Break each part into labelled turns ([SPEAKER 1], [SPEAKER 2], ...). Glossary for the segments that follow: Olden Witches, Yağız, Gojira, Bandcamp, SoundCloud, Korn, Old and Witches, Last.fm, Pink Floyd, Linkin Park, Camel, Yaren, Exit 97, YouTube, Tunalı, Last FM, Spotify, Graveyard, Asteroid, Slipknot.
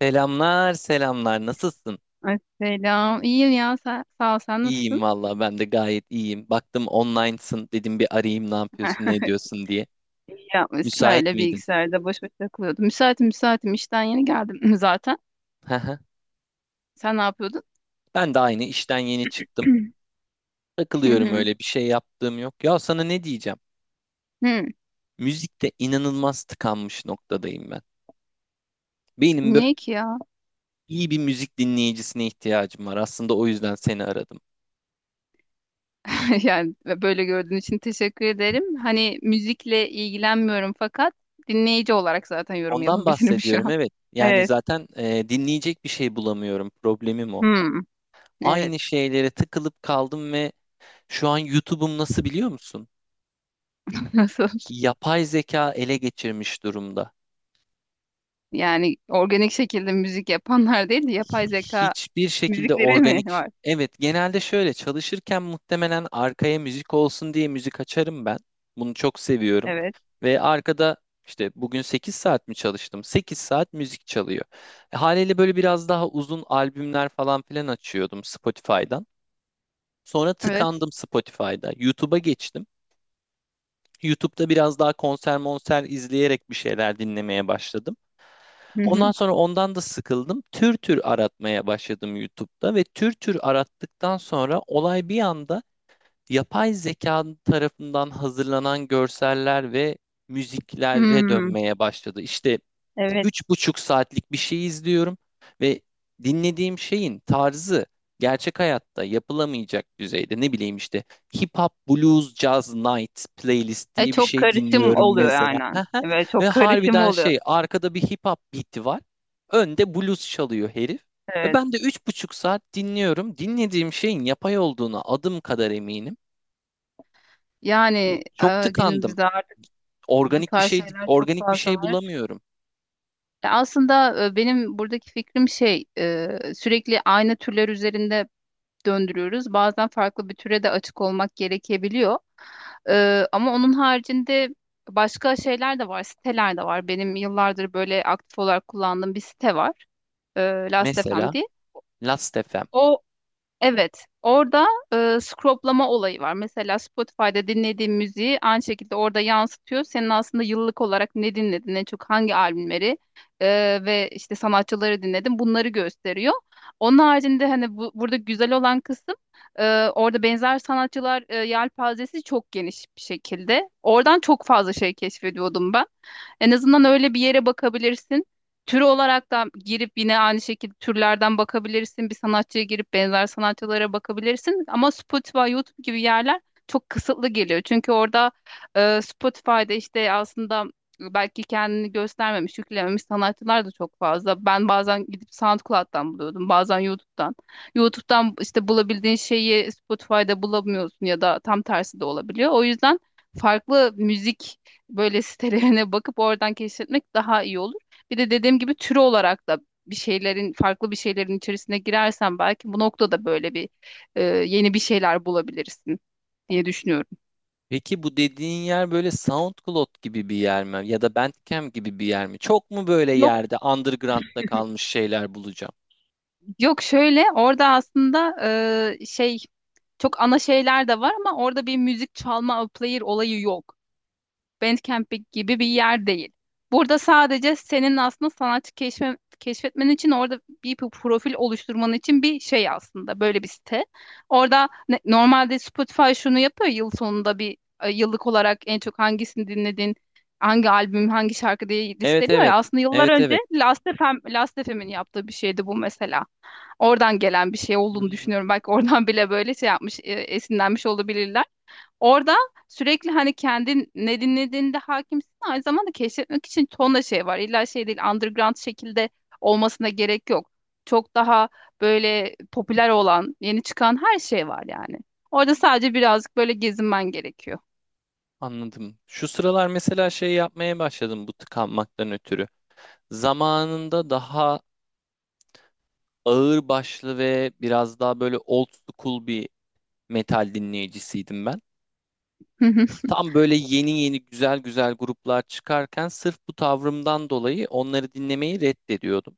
[SPEAKER 1] Selamlar, selamlar. Nasılsın?
[SPEAKER 2] Ay, selam. İyiyim ya. Sen, sağ ol. Sen nasılsın?
[SPEAKER 1] İyiyim valla. Ben de gayet iyiyim. Baktım online'sın. Dedim bir arayayım ne yapıyorsun, ne ediyorsun diye.
[SPEAKER 2] İyi yapmışsın.
[SPEAKER 1] Müsait
[SPEAKER 2] Öyle
[SPEAKER 1] miydin?
[SPEAKER 2] bilgisayarda boş boş takılıyordum. Müsaitim müsaitim. İşten yeni geldim zaten.
[SPEAKER 1] Hı hı.
[SPEAKER 2] Sen ne yapıyordun?
[SPEAKER 1] Ben de aynı işten yeni çıktım.
[SPEAKER 2] Hı,
[SPEAKER 1] Takılıyorum,
[SPEAKER 2] hı.
[SPEAKER 1] öyle bir şey yaptığım yok. Ya sana ne diyeceğim?
[SPEAKER 2] Hı.
[SPEAKER 1] Müzikte inanılmaz tıkanmış noktadayım ben. Benim böyle
[SPEAKER 2] Niye ki ya?
[SPEAKER 1] iyi bir müzik dinleyicisine ihtiyacım var. Aslında o yüzden seni aradım.
[SPEAKER 2] Yani böyle gördüğün için teşekkür ederim. Hani müzikle ilgilenmiyorum fakat dinleyici olarak zaten yorum
[SPEAKER 1] Ondan
[SPEAKER 2] yapabilirim şu
[SPEAKER 1] bahsediyorum,
[SPEAKER 2] an.
[SPEAKER 1] evet. Yani
[SPEAKER 2] Evet.
[SPEAKER 1] zaten dinleyecek bir şey bulamıyorum. Problemim o.
[SPEAKER 2] Hmm.
[SPEAKER 1] Aynı
[SPEAKER 2] Evet.
[SPEAKER 1] şeylere tıkılıp kaldım ve şu an YouTube'um nasıl biliyor musun?
[SPEAKER 2] Nasıl?
[SPEAKER 1] Yapay zeka ele geçirmiş durumda.
[SPEAKER 2] Yani organik şekilde müzik yapanlar değil de yapay zeka
[SPEAKER 1] Hiçbir şekilde
[SPEAKER 2] müzikleri mi
[SPEAKER 1] organik.
[SPEAKER 2] var?
[SPEAKER 1] Evet, genelde şöyle çalışırken muhtemelen arkaya müzik olsun diye müzik açarım ben. Bunu çok seviyorum.
[SPEAKER 2] Evet.
[SPEAKER 1] Ve arkada işte bugün 8 saat mi çalıştım? 8 saat müzik çalıyor. Haliyle böyle biraz daha uzun albümler falan filan açıyordum Spotify'dan. Sonra
[SPEAKER 2] Evet.
[SPEAKER 1] tıkandım Spotify'da. YouTube'a geçtim. YouTube'da biraz daha konser monser izleyerek bir şeyler dinlemeye başladım. Ondan sonra ondan da sıkıldım. Tür tür aratmaya başladım YouTube'da ve tür tür arattıktan sonra olay bir anda yapay zeka tarafından hazırlanan görseller ve müziklere
[SPEAKER 2] Hmm,
[SPEAKER 1] dönmeye başladı. İşte
[SPEAKER 2] evet.
[SPEAKER 1] 3,5 saatlik bir şey izliyorum ve dinlediğim şeyin tarzı gerçek hayatta yapılamayacak düzeyde, ne bileyim, işte hip hop, blues, jazz night playlist
[SPEAKER 2] E,
[SPEAKER 1] diye bir
[SPEAKER 2] çok
[SPEAKER 1] şey
[SPEAKER 2] karışım
[SPEAKER 1] dinliyorum
[SPEAKER 2] oluyor
[SPEAKER 1] mesela.
[SPEAKER 2] aynen. Evet,
[SPEAKER 1] Ve
[SPEAKER 2] çok karışım
[SPEAKER 1] harbiden
[SPEAKER 2] oluyor.
[SPEAKER 1] şey, arkada bir hip hop beat'i var. Önde blues çalıyor herif. Ve
[SPEAKER 2] Evet.
[SPEAKER 1] ben de 3,5 saat dinliyorum. Dinlediğim şeyin yapay olduğuna adım kadar eminim.
[SPEAKER 2] Yani
[SPEAKER 1] Çok tıkandım.
[SPEAKER 2] günümüzde artık bu
[SPEAKER 1] Organik bir
[SPEAKER 2] tarz
[SPEAKER 1] şey
[SPEAKER 2] şeyler çok
[SPEAKER 1] organik bir
[SPEAKER 2] fazla
[SPEAKER 1] şey
[SPEAKER 2] var.
[SPEAKER 1] bulamıyorum.
[SPEAKER 2] Aslında benim buradaki fikrim şey, sürekli aynı türler üzerinde döndürüyoruz. Bazen farklı bir türe de açık olmak gerekebiliyor. Ama onun haricinde başka şeyler de var, siteler de var. Benim yıllardır böyle aktif olarak kullandığım bir site var. E, Last.fm
[SPEAKER 1] Mesela
[SPEAKER 2] diye.
[SPEAKER 1] Last FM.
[SPEAKER 2] Evet, orada scroplama olayı var. Mesela Spotify'da dinlediğin müziği aynı şekilde orada yansıtıyor. Senin aslında yıllık olarak ne dinledin, en çok hangi albümleri e, ve işte sanatçıları dinledin bunları gösteriyor. Onun haricinde hani burada güzel olan kısım orada benzer sanatçılar yelpazesi çok geniş bir şekilde. Oradan çok fazla şey keşfediyordum ben. En azından öyle bir yere bakabilirsin. Tür olarak da girip yine aynı şekilde türlerden bakabilirsin. Bir sanatçıya girip benzer sanatçılara bakabilirsin. Ama Spotify, YouTube gibi yerler çok kısıtlı geliyor. Çünkü orada Spotify'da işte aslında belki kendini göstermemiş, yüklememiş sanatçılar da çok fazla. Ben bazen gidip SoundCloud'dan buluyordum, bazen YouTube'dan. YouTube'dan işte bulabildiğin şeyi Spotify'da bulamıyorsun ya da tam tersi de olabiliyor. O yüzden farklı müzik böyle sitelerine bakıp oradan keşfetmek daha iyi olur. Bir de dediğim gibi türü olarak da bir şeylerin farklı bir şeylerin içerisine girersen belki bu noktada böyle bir yeni bir şeyler bulabilirsin diye düşünüyorum.
[SPEAKER 1] Peki bu dediğin yer böyle SoundCloud gibi bir yer mi? Ya da Bandcamp gibi bir yer mi? Çok mu böyle
[SPEAKER 2] Yok
[SPEAKER 1] yerde underground'da kalmış şeyler bulacağım?
[SPEAKER 2] yok şöyle orada aslında şey çok ana şeyler de var ama orada bir müzik çalma player olayı yok. Bandcamp gibi bir yer değil. Burada sadece senin aslında sanatçı keşfetmen için orada bir profil oluşturman için bir şey aslında böyle bir site. Orada normalde Spotify şunu yapıyor yıl sonunda bir yıllık olarak en çok hangisini dinledin, hangi albüm, hangi şarkı diye
[SPEAKER 1] Evet
[SPEAKER 2] listeliyor ya.
[SPEAKER 1] evet.
[SPEAKER 2] Aslında yıllar
[SPEAKER 1] Evet
[SPEAKER 2] önce
[SPEAKER 1] evet.
[SPEAKER 2] Last FM'in yaptığı bir şeydi bu mesela. Oradan gelen bir şey olduğunu
[SPEAKER 1] Hmm,
[SPEAKER 2] düşünüyorum. Belki oradan bile böyle şey yapmış, esinlenmiş olabilirler. Orada sürekli hani kendin ne dinlediğinde hakimsin aynı zamanda keşfetmek için tonla şey var. İlla şey değil underground şekilde olmasına gerek yok. Çok daha böyle popüler olan, yeni çıkan her şey var yani. Orada sadece birazcık böyle gezinmen gerekiyor.
[SPEAKER 1] anladım. Şu sıralar mesela şey yapmaya başladım bu tıkanmaktan ötürü. Zamanında daha ağır başlı ve biraz daha böyle old school bir metal dinleyicisiydim ben.
[SPEAKER 2] Hı hı.
[SPEAKER 1] Tam böyle yeni yeni güzel güzel gruplar çıkarken sırf bu tavrımdan dolayı onları dinlemeyi reddediyordum.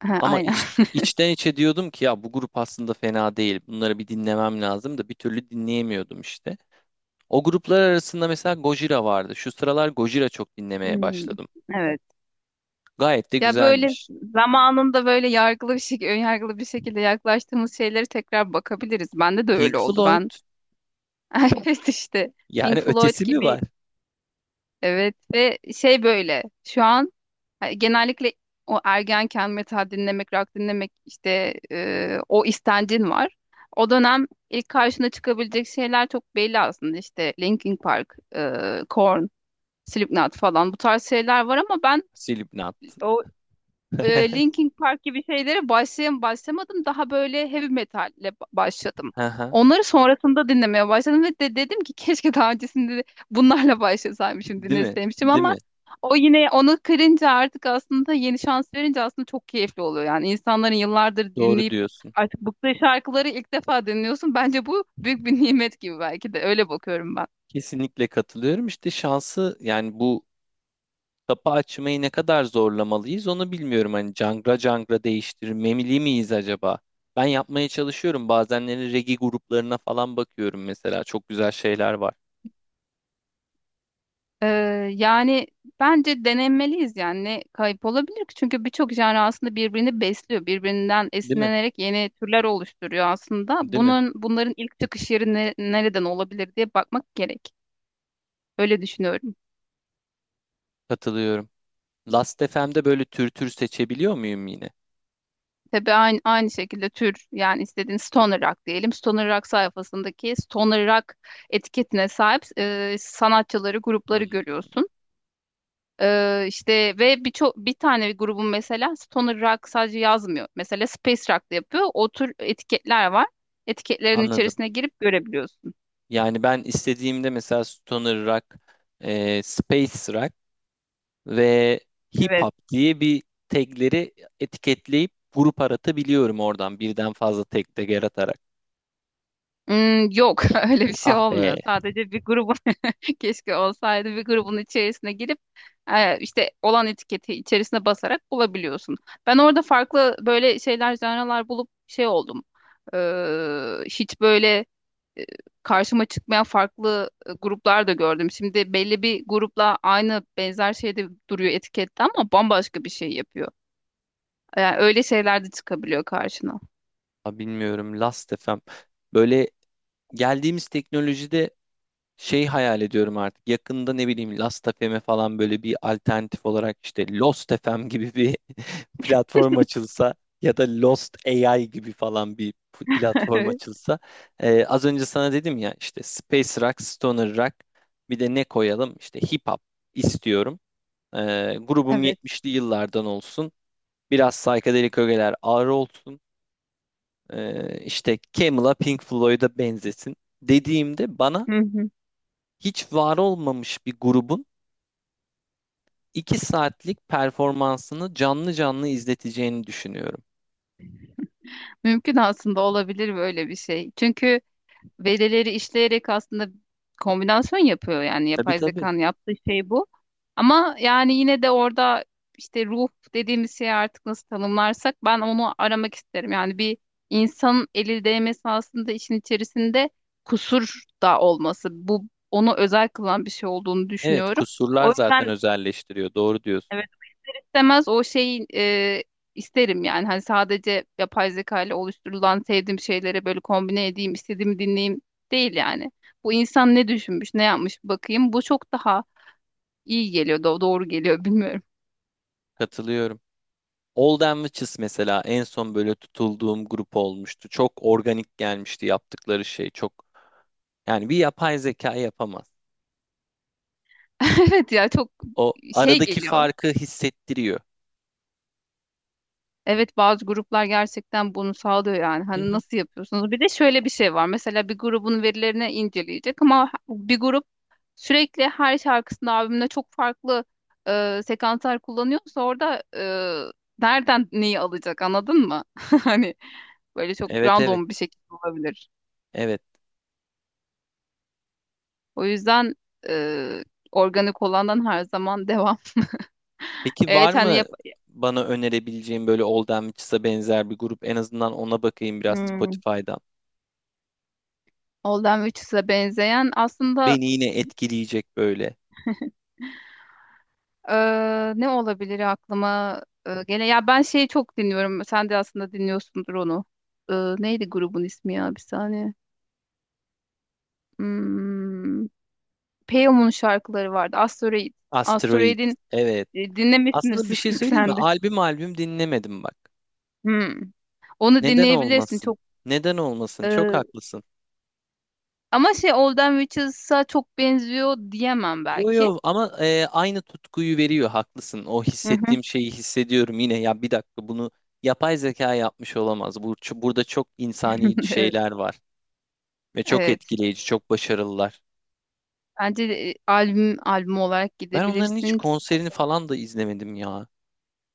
[SPEAKER 2] Ha,
[SPEAKER 1] Ama
[SPEAKER 2] aynen.
[SPEAKER 1] içten içe diyordum ki ya bu grup aslında fena değil. Bunları bir dinlemem lazım da bir türlü dinleyemiyordum işte. O gruplar arasında mesela Gojira vardı. Şu sıralar Gojira çok dinlemeye
[SPEAKER 2] Hmm,
[SPEAKER 1] başladım.
[SPEAKER 2] evet.
[SPEAKER 1] Gayet de
[SPEAKER 2] Ya böyle
[SPEAKER 1] güzelmiş.
[SPEAKER 2] zamanında böyle önyargılı bir şekilde yaklaştığımız şeylere tekrar bakabiliriz. Bende de
[SPEAKER 1] Pink
[SPEAKER 2] öyle oldu.
[SPEAKER 1] Floyd.
[SPEAKER 2] Ben evet işte
[SPEAKER 1] Yani
[SPEAKER 2] Pink Floyd
[SPEAKER 1] ötesi mi
[SPEAKER 2] gibi.
[SPEAKER 1] var?
[SPEAKER 2] Evet ve şey böyle şu an hani genellikle o ergenken metal dinlemek, rock dinlemek işte o istencin var. O dönem ilk karşına çıkabilecek şeyler çok belli aslında işte Linkin Park, Korn, Slipknot falan bu tarz şeyler var ama ben
[SPEAKER 1] Slipknot.
[SPEAKER 2] o Linkin Park gibi şeylere başlamadım. Daha böyle heavy metalle başladım.
[SPEAKER 1] Aha,
[SPEAKER 2] Onları sonrasında dinlemeye başladım ve de dedim ki keşke daha öncesinde de bunlarla başlasaymışım,
[SPEAKER 1] değil mi?
[SPEAKER 2] dinleseymişim
[SPEAKER 1] Değil
[SPEAKER 2] ama
[SPEAKER 1] mi?
[SPEAKER 2] o yine onu kırınca artık aslında yeni şans verince aslında çok keyifli oluyor. Yani insanların yıllardır
[SPEAKER 1] Doğru
[SPEAKER 2] dinleyip
[SPEAKER 1] diyorsun.
[SPEAKER 2] artık bıktığı şarkıları ilk defa dinliyorsun. Bence bu büyük bir nimet gibi belki de öyle bakıyorum ben.
[SPEAKER 1] Kesinlikle katılıyorum. İşte şansı, yani bu kapı açmayı ne kadar zorlamalıyız onu bilmiyorum. Hani cangra cangra değiştirmemeli miyiz acaba? Ben yapmaya çalışıyorum. Bazenleri regi gruplarına falan bakıyorum mesela. Çok güzel şeyler var.
[SPEAKER 2] Ee, yani bence denemeliyiz yani ne kayıp olabilir ki? Çünkü birçok genre aslında birbirini besliyor. Birbirinden
[SPEAKER 1] Değil mi?
[SPEAKER 2] esinlenerek yeni türler oluşturuyor aslında.
[SPEAKER 1] Değil mi?
[SPEAKER 2] Bunların ilk çıkış yeri nereden olabilir diye bakmak gerek. Öyle düşünüyorum.
[SPEAKER 1] Katılıyorum. Last FM'de böyle tür tür seçebiliyor muyum yine?
[SPEAKER 2] Tabii aynı şekilde tür yani istediğin stoner rock diyelim. Stoner rock sayfasındaki stoner rock etiketine sahip sanatçıları,
[SPEAKER 1] Hı
[SPEAKER 2] grupları
[SPEAKER 1] hı,
[SPEAKER 2] görüyorsun. İşte ve birçok bir tane bir grubun mesela stoner rock sadece yazmıyor. Mesela space rock da yapıyor. O tür etiketler var. Etiketlerin
[SPEAKER 1] anladım.
[SPEAKER 2] içerisine girip görebiliyorsun.
[SPEAKER 1] Yani ben istediğimde mesela stoner rock, space rock ve hip
[SPEAKER 2] Evet.
[SPEAKER 1] hop diye bir tagleri etiketleyip grup aratabiliyorum oradan birden fazla tag de yaratarak.
[SPEAKER 2] Hmm, yok öyle bir şey
[SPEAKER 1] Ah
[SPEAKER 2] olmuyor.
[SPEAKER 1] be.
[SPEAKER 2] Sadece bir grubun keşke olsaydı bir grubun içerisine girip işte olan etiketi içerisine basarak bulabiliyorsun. Ben orada farklı böyle şeyler, janralar bulup şey oldum. Hiç böyle e, karşıma çıkmayan farklı gruplar da gördüm. Şimdi belli bir grupla benzer şeyde duruyor etikette ama bambaşka bir şey yapıyor. Yani öyle şeyler de çıkabiliyor karşına.
[SPEAKER 1] Ha, bilmiyorum Last FM. Böyle geldiğimiz teknolojide şey hayal ediyorum artık. Yakında ne bileyim Last FM'e falan böyle bir alternatif olarak işte Lost FM gibi bir platform açılsa, ya da Lost AI gibi falan bir platform açılsa. Az önce sana dedim ya, işte Space Rock, Stoner Rock, bir de ne koyalım? İşte Hip Hop istiyorum. Grubum
[SPEAKER 2] Evet.
[SPEAKER 1] 70'li yıllardan olsun. Biraz psychedelic ögeler ağır olsun. İşte Camel'a Pink Floyd'a benzesin dediğimde bana
[SPEAKER 2] Hı hı.
[SPEAKER 1] hiç var olmamış bir grubun 2 saatlik performansını canlı canlı izleteceğini düşünüyorum.
[SPEAKER 2] Mümkün aslında olabilir böyle bir şey. Çünkü verileri işleyerek aslında kombinasyon yapıyor yani
[SPEAKER 1] Tabii
[SPEAKER 2] yapay
[SPEAKER 1] tabii.
[SPEAKER 2] zekanın yaptığı şey bu. Ama yani yine de orada işte ruh dediğimiz şeyi artık nasıl tanımlarsak ben onu aramak isterim. Yani bir insanın eli değmesi aslında işin içerisinde kusur da olması. Bu onu özel kılan bir şey olduğunu
[SPEAKER 1] Evet,
[SPEAKER 2] düşünüyorum. O
[SPEAKER 1] kusurlar zaten
[SPEAKER 2] yüzden
[SPEAKER 1] özelleştiriyor. Doğru diyorsun.
[SPEAKER 2] istemez o şeyi isterim yani. Hani sadece yapay zeka ile oluşturulan sevdiğim şeylere böyle kombine edeyim, istediğimi dinleyeyim değil yani. Bu insan ne düşünmüş, ne yapmış bir bakayım. Bu çok daha iyi geliyor, doğru geliyor bilmiyorum.
[SPEAKER 1] Katılıyorum. Olden Witches mesela en son böyle tutulduğum grup olmuştu. Çok organik gelmişti yaptıkları şey. Çok, yani bir yapay zeka yapamaz.
[SPEAKER 2] Evet ya çok
[SPEAKER 1] O
[SPEAKER 2] şey
[SPEAKER 1] aradaki
[SPEAKER 2] geliyor.
[SPEAKER 1] farkı hissettiriyor.
[SPEAKER 2] Evet bazı gruplar gerçekten bunu sağlıyor yani.
[SPEAKER 1] Hı
[SPEAKER 2] Hani
[SPEAKER 1] hı.
[SPEAKER 2] nasıl yapıyorsunuz? Bir de şöyle bir şey var. Mesela bir grubun verilerini inceleyecek ama bir grup sürekli her şarkısında albümde çok farklı sekanslar kullanıyorsa orada nereden neyi alacak anladın mı? Hani böyle çok
[SPEAKER 1] Evet
[SPEAKER 2] random bir şekilde olabilir.
[SPEAKER 1] evet.
[SPEAKER 2] O yüzden e, organik olandan her zaman devam.
[SPEAKER 1] Peki var
[SPEAKER 2] Evet hani
[SPEAKER 1] mı bana önerebileceğin böyle Olden Witches'a benzer bir grup? En azından ona bakayım biraz
[SPEAKER 2] hmm.
[SPEAKER 1] Spotify'dan.
[SPEAKER 2] Old and Witches'e benzeyen aslında.
[SPEAKER 1] Beni yine etkileyecek böyle.
[SPEAKER 2] Ne olabilir aklıma gele? Ya ben şeyi çok dinliyorum. Sen de aslında dinliyorsundur onu. Neydi grubun ismi ya bir saniye. Hmm, Peyam'ın şarkıları vardı. Asteroid.
[SPEAKER 1] Asteroid.
[SPEAKER 2] Asteroid'in
[SPEAKER 1] Evet.
[SPEAKER 2] dinlemişsindir
[SPEAKER 1] Aslında bir
[SPEAKER 2] sık
[SPEAKER 1] şey
[SPEAKER 2] sık
[SPEAKER 1] söyleyeyim mi?
[SPEAKER 2] sen de.
[SPEAKER 1] Albüm albüm dinlemedim bak.
[SPEAKER 2] Hmm. Onu
[SPEAKER 1] Neden
[SPEAKER 2] dinleyebilirsin
[SPEAKER 1] olmasın?
[SPEAKER 2] çok.
[SPEAKER 1] Neden olmasın? Çok
[SPEAKER 2] e,
[SPEAKER 1] haklısın.
[SPEAKER 2] ama şey Old and Witches'a çok benziyor diyemem
[SPEAKER 1] Yo
[SPEAKER 2] belki.
[SPEAKER 1] yo, ama aynı tutkuyu veriyor, haklısın. O
[SPEAKER 2] Hı hı.
[SPEAKER 1] hissettiğim şeyi hissediyorum yine. Ya bir dakika, bunu yapay zeka yapmış olamaz. Burada çok insani
[SPEAKER 2] Evet.
[SPEAKER 1] şeyler var. Ve çok
[SPEAKER 2] Evet.
[SPEAKER 1] etkileyici, çok başarılılar.
[SPEAKER 2] Bence de, albüm albüm olarak
[SPEAKER 1] Ben onların hiç
[SPEAKER 2] gidebilirsin.
[SPEAKER 1] konserini falan da izlemedim ya.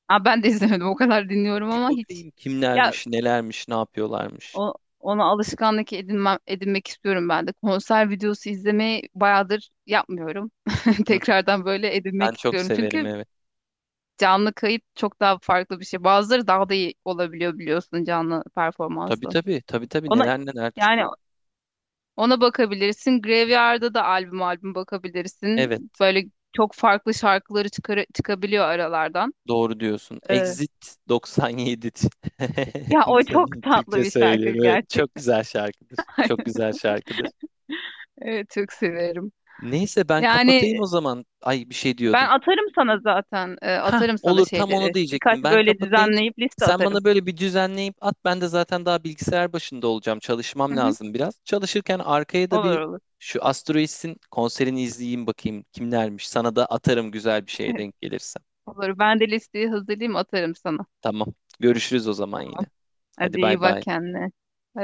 [SPEAKER 2] Aa, ben de izlemedim. O kadar dinliyorum
[SPEAKER 1] Bir
[SPEAKER 2] ama hiç
[SPEAKER 1] bakayım
[SPEAKER 2] ya
[SPEAKER 1] kimlermiş, nelermiş, ne yapıyorlarmış.
[SPEAKER 2] o, ona alışkanlık edinmek istiyorum ben de. Konser videosu izlemeyi bayağıdır yapmıyorum.
[SPEAKER 1] Hı hı.
[SPEAKER 2] Tekrardan böyle
[SPEAKER 1] Ben
[SPEAKER 2] edinmek
[SPEAKER 1] çok
[SPEAKER 2] istiyorum.
[SPEAKER 1] severim,
[SPEAKER 2] Çünkü
[SPEAKER 1] evet.
[SPEAKER 2] canlı kayıt çok daha farklı bir şey. Bazıları daha da iyi olabiliyor biliyorsun canlı
[SPEAKER 1] Tabii
[SPEAKER 2] performansla.
[SPEAKER 1] tabii, tabii tabii,
[SPEAKER 2] Ona
[SPEAKER 1] neler neler
[SPEAKER 2] yani
[SPEAKER 1] çıkıyor.
[SPEAKER 2] ona bakabilirsin. Graveyard'da da albüm albüm bakabilirsin.
[SPEAKER 1] Evet.
[SPEAKER 2] Böyle çok farklı şarkıları çıkabiliyor aralardan.
[SPEAKER 1] Doğru diyorsun.
[SPEAKER 2] Ee,
[SPEAKER 1] Exit 97.
[SPEAKER 2] ya o çok
[SPEAKER 1] İnsanın
[SPEAKER 2] tatlı
[SPEAKER 1] Türkçe
[SPEAKER 2] bir şarkı
[SPEAKER 1] söylüyorum. Evet, çok
[SPEAKER 2] gerçekten.
[SPEAKER 1] güzel şarkıdır. Çok güzel şarkıdır.
[SPEAKER 2] Evet, çok severim.
[SPEAKER 1] Neyse ben
[SPEAKER 2] Yani
[SPEAKER 1] kapatayım o zaman. Ay bir şey
[SPEAKER 2] ben
[SPEAKER 1] diyordun.
[SPEAKER 2] atarım sana zaten. e,
[SPEAKER 1] Ha
[SPEAKER 2] atarım sana
[SPEAKER 1] olur, tam onu
[SPEAKER 2] şeyleri. Birkaç
[SPEAKER 1] diyecektim. Ben
[SPEAKER 2] böyle
[SPEAKER 1] kapatayım.
[SPEAKER 2] düzenleyip liste
[SPEAKER 1] Sen
[SPEAKER 2] atarım.
[SPEAKER 1] bana böyle bir düzenleyip at. Ben de zaten daha bilgisayar başında olacağım. Çalışmam
[SPEAKER 2] Hı hı.
[SPEAKER 1] lazım biraz. Çalışırken arkaya da
[SPEAKER 2] Olur
[SPEAKER 1] bir
[SPEAKER 2] olur.
[SPEAKER 1] şu Asteroids'in konserini izleyeyim, bakayım kimlermiş. Sana da atarım güzel bir şeye denk gelirse.
[SPEAKER 2] Olur. Ben de listeyi hazırlayayım atarım sana.
[SPEAKER 1] Tamam. Görüşürüz o zaman yine.
[SPEAKER 2] Hadi
[SPEAKER 1] Hadi
[SPEAKER 2] iyi
[SPEAKER 1] bay
[SPEAKER 2] bak
[SPEAKER 1] bay.
[SPEAKER 2] kendine.